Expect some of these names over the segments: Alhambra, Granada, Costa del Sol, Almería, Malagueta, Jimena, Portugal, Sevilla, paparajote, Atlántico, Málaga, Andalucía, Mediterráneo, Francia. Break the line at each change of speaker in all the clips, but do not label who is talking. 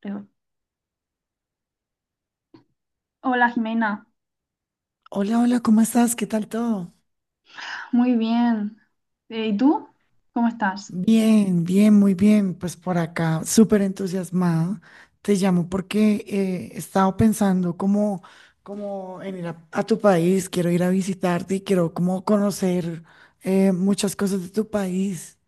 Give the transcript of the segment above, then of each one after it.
Creo. Hola Jimena,
Hola, hola, ¿cómo estás? ¿Qué tal todo?
muy bien. ¿Y tú? ¿Cómo estás?
Bien, bien, muy bien. Pues por acá, súper entusiasmada. Te llamo porque he estado pensando como en ir a tu país, quiero ir a visitarte y quiero como conocer muchas cosas de tu país.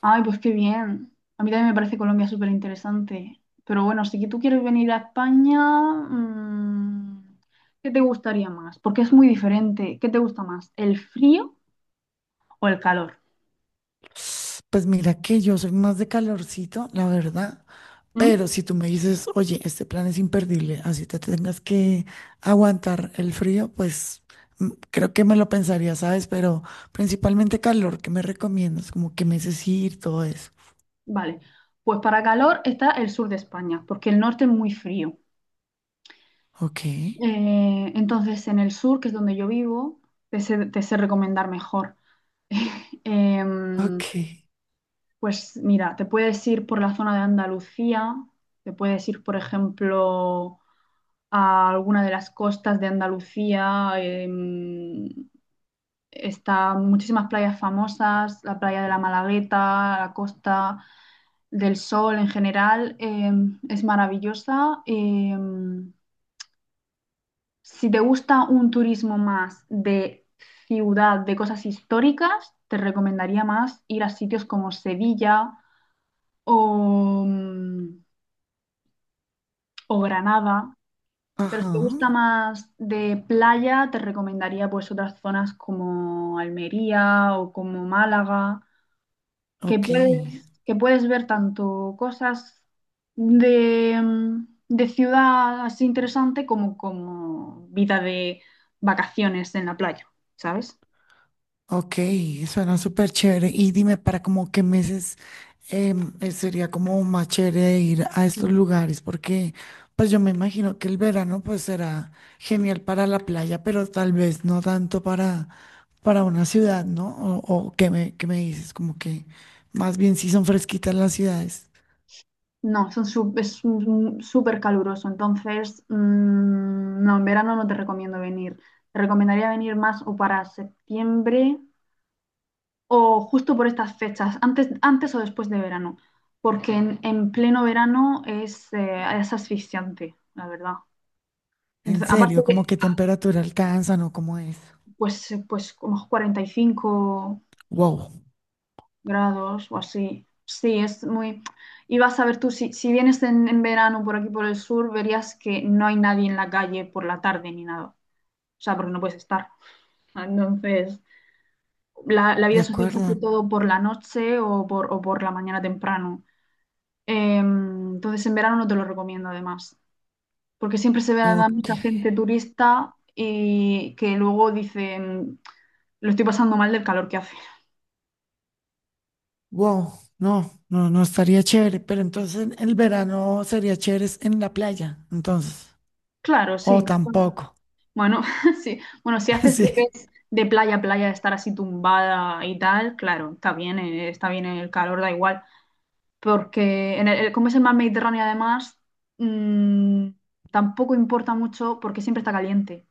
Ay, pues qué bien. A mí también me parece Colombia súper interesante. Pero bueno, si que tú quieres venir a España, mm, ¿qué te gustaría más? Porque es muy diferente. ¿Qué te gusta más? ¿El frío o el calor?
Pues mira que yo soy más de calorcito, la verdad.
¿Mm?
Pero si tú me dices, oye, este plan es imperdible, así te tengas que aguantar el frío, pues creo que me lo pensaría, ¿sabes? Pero principalmente calor, ¿qué me recomiendas? Como qué meses ir, todo eso.
Vale, pues para calor está el sur de España, porque el norte es muy frío.
Ok,
Entonces, en el sur, que es donde yo vivo, te sé recomendar mejor. Em,
ok,
pues mira, te puedes ir por la zona de Andalucía, te puedes ir, por ejemplo, a alguna de las costas de Andalucía. Está muchísimas playas famosas, la playa de la Malagueta, la Costa del Sol en general, es maravillosa. Si te gusta un turismo más de ciudad, de cosas históricas, te recomendaría más ir a sitios como Sevilla o... mm, o Granada, pero
ajá,
si te gusta más de playa, te recomendaría pues otras zonas como Almería o como Málaga,
ok.
que puedes ver tanto cosas de ciudad así interesante como, como vida de vacaciones en la playa, ¿sabes?
Ok, suena súper chévere. Y dime, ¿para como qué meses sería como más chévere ir a
Mm.
estos lugares? Porque pues yo me imagino que el verano pues será genial para la playa, pero tal vez no tanto para una ciudad, ¿no? O qué me dices, como que más bien si son fresquitas las ciudades.
No, son su- es un- súper caluroso, entonces no, en verano no te recomiendo venir. Te recomendaría venir más o para septiembre o justo por estas fechas, antes o después de verano, porque en pleno verano es asfixiante, la verdad.
En
Entonces, aparte
serio, ¿como
de,
qué temperatura alcanzan o cómo es?
pues, pues como 45
Wow,
grados o así, sí, es muy... Y vas a ver tú, si vienes en verano por aquí por el sur, verías que no hay nadie en la calle por la tarde ni nada, o sea, porque no puedes estar. Entonces, la
de
vida social se hace
acuerdo.
todo por la noche o por la mañana temprano. Entonces en verano no te lo recomiendo además, porque siempre se ve a
Ok.
mucha gente turista y que luego dicen, lo estoy pasando mal del calor que hace.
Wow, no, no, no estaría chévere, pero entonces en el verano sería chévere es en la playa, entonces,
Claro, sí,
o
mejor.
tampoco,
Bueno, sí. Bueno, si haces lo que
sí,
es de playa a playa, estar así tumbada y tal, claro, está bien el calor, da igual. Porque en como es el mar Mediterráneo además, mm, tampoco importa mucho porque siempre está caliente.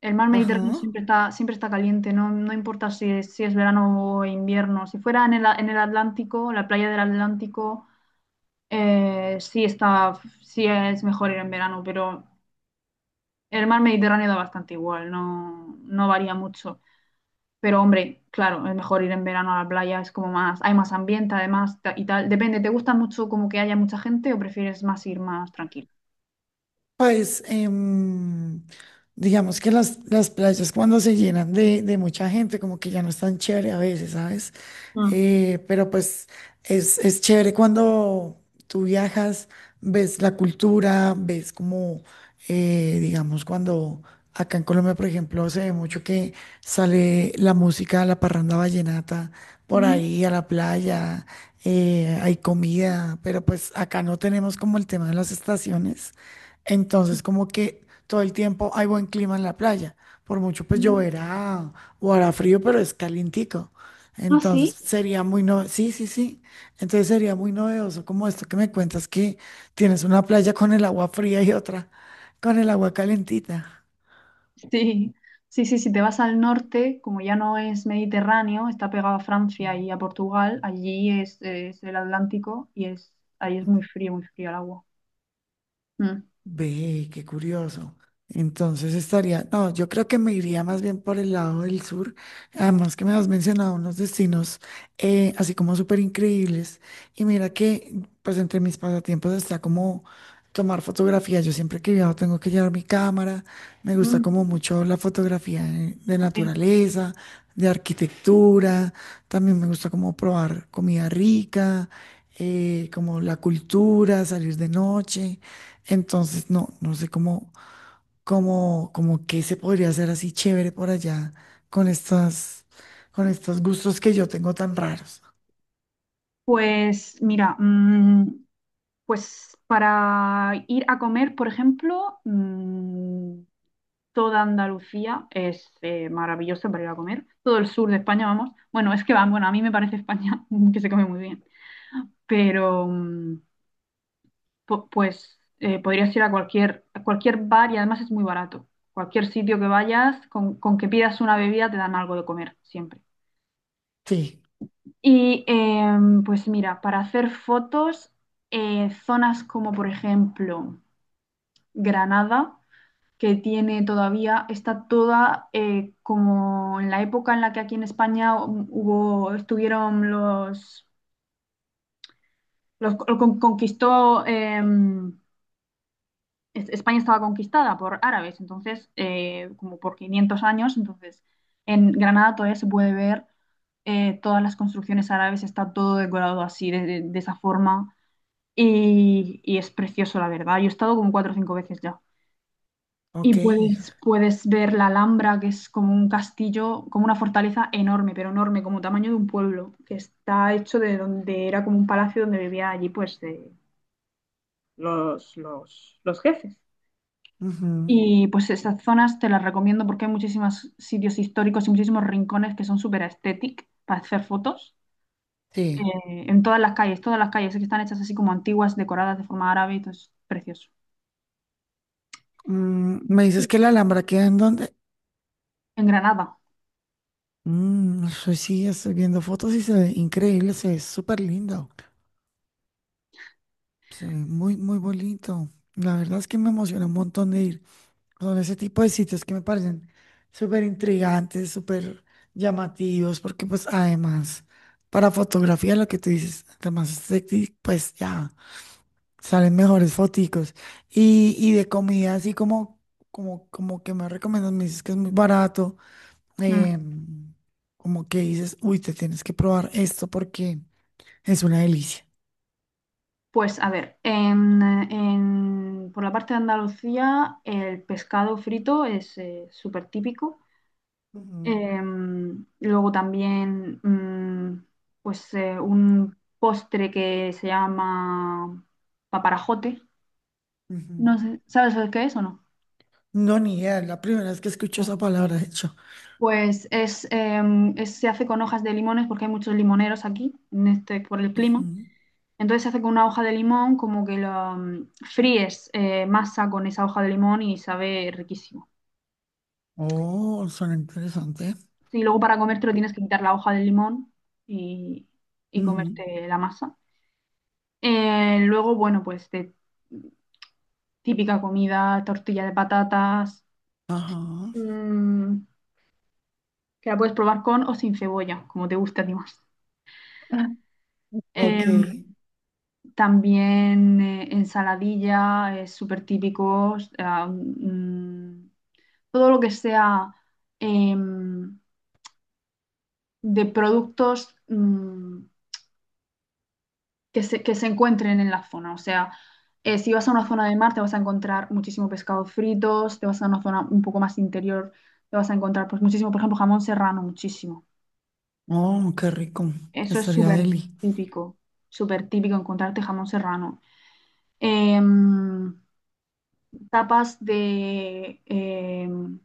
El mar Mediterráneo
ajá,
siempre está caliente, no, no importa si es, si es verano o invierno. Si fuera en el Atlántico, la playa del Atlántico, sí está, sí es mejor ir en verano, pero el mar Mediterráneo da bastante igual, no, no varía mucho. Pero hombre, claro, es mejor ir en verano a la playa, es como más, hay más ambiente además y tal. Depende, ¿te gusta mucho como que haya mucha gente o prefieres más ir más tranquilo?
pues digamos que las playas cuando se llenan de mucha gente, como que ya no es tan chévere a veces, ¿sabes?
Mm.
Pero pues es chévere cuando tú viajas, ves la cultura, ves como, digamos, cuando acá en Colombia, por ejemplo, se ve mucho que sale la música, la parranda vallenata, por
Mm,
ahí a la playa, hay comida, pero pues acá no tenemos como el tema de las estaciones. Entonces, como que todo el tiempo hay buen clima en la playa. Por mucho pues
mm.
lloverá o hará frío, pero es calientico.
Ah,
Entonces,
sí.
sería muy no... Sí, sí, sí. Entonces sería muy novedoso como esto que me cuentas, que tienes una playa con el agua fría y otra con el agua calentita.
Sí, sí, sí, si te vas al norte, como ya no es Mediterráneo, está pegado a Francia y a Portugal, allí es el Atlántico y es, ahí es muy frío el agua. Mm.
Ve, qué curioso. Entonces estaría, no, yo creo que me iría más bien por el lado del sur. Además que me has mencionado unos destinos así como súper increíbles. Y mira que pues entre mis pasatiempos está como tomar fotografía. Yo siempre que viajo tengo que llevar mi cámara. Me gusta
Mm,
como mucho la fotografía de
sí.
naturaleza, de arquitectura. También me gusta como probar comida rica, como la cultura, salir de noche. Entonces, no, no sé cómo, cómo, cómo qué se podría hacer así chévere por allá con estas, con estos gustos que yo tengo tan raros.
Pues mira, pues para ir a comer, por ejemplo, toda Andalucía es maravillosa para ir a comer, todo el sur de España, vamos. Bueno, es que va, bueno, a mí me parece España que se come muy bien, pero... mm, pues podrías ir a cualquier bar y además es muy barato. Cualquier sitio que vayas, con que pidas una bebida te dan algo de comer siempre.
Sí,
Y pues mira, para hacer fotos, zonas como por ejemplo Granada, que tiene todavía, está toda como en la época en la que aquí en España hubo, estuvieron los, conquistó España estaba conquistada por árabes, entonces, como por 500 años, entonces en Granada todavía se puede ver todas las construcciones árabes, está todo decorado así, de esa forma, y es precioso, la verdad. Yo he estado como cuatro o cinco veces ya. Y
ok.
puedes ver la Alhambra, que es como un castillo, como una fortaleza enorme, pero enorme, como tamaño de un pueblo, que está hecho de donde era como un palacio donde vivía allí, pues, de los jefes.
Ujú,
Y pues esas zonas te las recomiendo porque hay muchísimos sitios históricos y muchísimos rincones que son súper estéticos para hacer fotos.
sí.
En todas las calles que están hechas así como antiguas, decoradas de forma árabe, y todo es precioso.
Mm, ¿me
Y
dices que la Alhambra queda en dónde?
en Granada.
Mm, eso sí, estoy viendo fotos y se ve increíble, se ve súper lindo. Se ve muy, muy bonito. La verdad es que me emociona un montón de ir. Son ese tipo de sitios que me parecen súper intrigantes, súper llamativos, porque pues además para fotografía lo que tú dices, además es sexy, pues ya salen mejores foticos. Y de comida así como, como, como que me recomiendas, me dices que es muy barato,
Mm.
eh, como que dices, uy, te tienes que probar esto porque es una delicia.
Pues a ver, en, por la parte de Andalucía el pescado frito es súper típico.
Ujú,
Em, luego también, pues un postre que se llama paparajote.
ujú.
No sé, ¿sabes lo que es o no?
No, ni idea, es la primera vez que escucho
No.
esa palabra, de hecho.
Pues es, se hace con hojas de limones porque hay muchos limoneros aquí, en este, por el clima.
Ujú.
Entonces se hace con una hoja de limón, como que fríes masa con esa hoja de limón y sabe riquísimo.
Oh, suena interesante.
Y luego para comértelo tienes que quitar la hoja del limón y, y
Ujú.
comerte la masa. Luego, bueno, pues de típica comida, tortilla de patatas,
Ajá.
mm, que la puedes probar con o sin cebolla, como te guste a ti más.
Ok.
Em, también ensaladilla, es súper típico. Todo lo que sea em, de productos que se encuentren en la zona. O sea, si vas a una zona de mar, te vas a encontrar muchísimo pescado fritos, te vas a una zona un poco más interior, te vas a encontrar pues muchísimo, por ejemplo, jamón serrano, muchísimo.
Oh, qué rico.
Eso es
Estaría deli.
típico, súper típico encontrarte jamón serrano. Em, tapas de, em,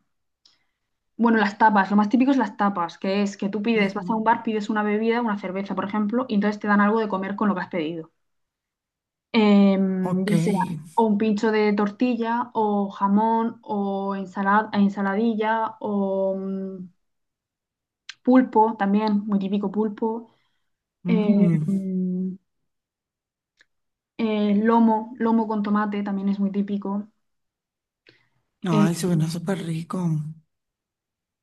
Bueno, las tapas, lo más típico es las tapas, que es que tú pides, vas a
Ujú.
un bar, pides una bebida, una cerveza, por ejemplo, y entonces te dan algo de comer con lo que has pedido. Em,
Ok.
ya sea o un pincho de tortilla, o jamón, o ensalada, ensaladilla, pulpo, también, muy típico pulpo.
Mm.
Em, lomo, lomo con tomate, también es muy típico. Eh,
Ay, suena súper rico.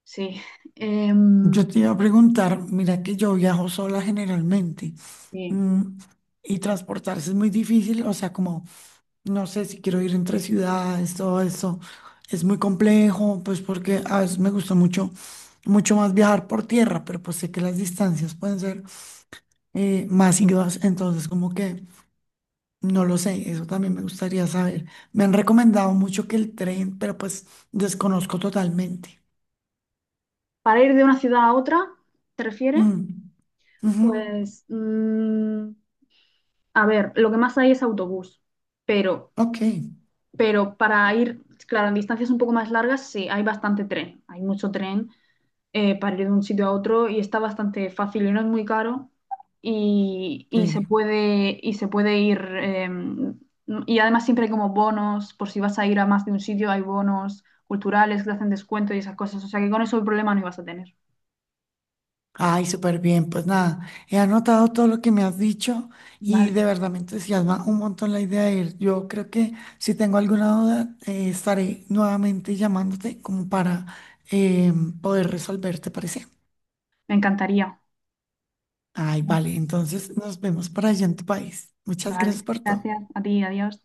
sí. Em,
Yo te iba a preguntar, mira que yo viajo sola generalmente.
sí.
mm, Y transportarse es muy difícil, o sea, como, no sé si quiero ir entre ciudades, todo eso es muy complejo, pues porque a veces me gusta mucho, mucho más viajar por tierra, pero pues sé que las distancias pueden ser más ingresos. Entonces, como que no lo sé, eso también me gustaría saber. Me han recomendado mucho que el tren, pero pues desconozco totalmente.
Para ir de una ciudad a otra, ¿te refieres?
Mm, ujú,
Pues a ver, lo que más hay es autobús, pero,
ok,
pero para ir, claro, en distancias un poco más largas, sí, hay bastante tren, hay mucho tren para ir de un sitio a otro y está bastante fácil y no es muy caro
chévere.
y se puede ir, y además siempre hay como bonos, por si vas a ir a más de un sitio, hay bonos culturales que te hacen descuento y esas cosas, o sea que con eso el problema no ibas a tener.
Ay, súper bien. Pues nada, he anotado todo lo que me has dicho y
Vale,
de verdad me entusiasma un montón la idea de ir. Yo creo que si tengo alguna duda, estaré nuevamente llamándote como para eh, poder resolver, ¿te parece?
me encantaría.
Ay, vale, entonces nos vemos por allá en tu país. Muchas gracias
Vale,
por todo.
gracias a ti, adiós.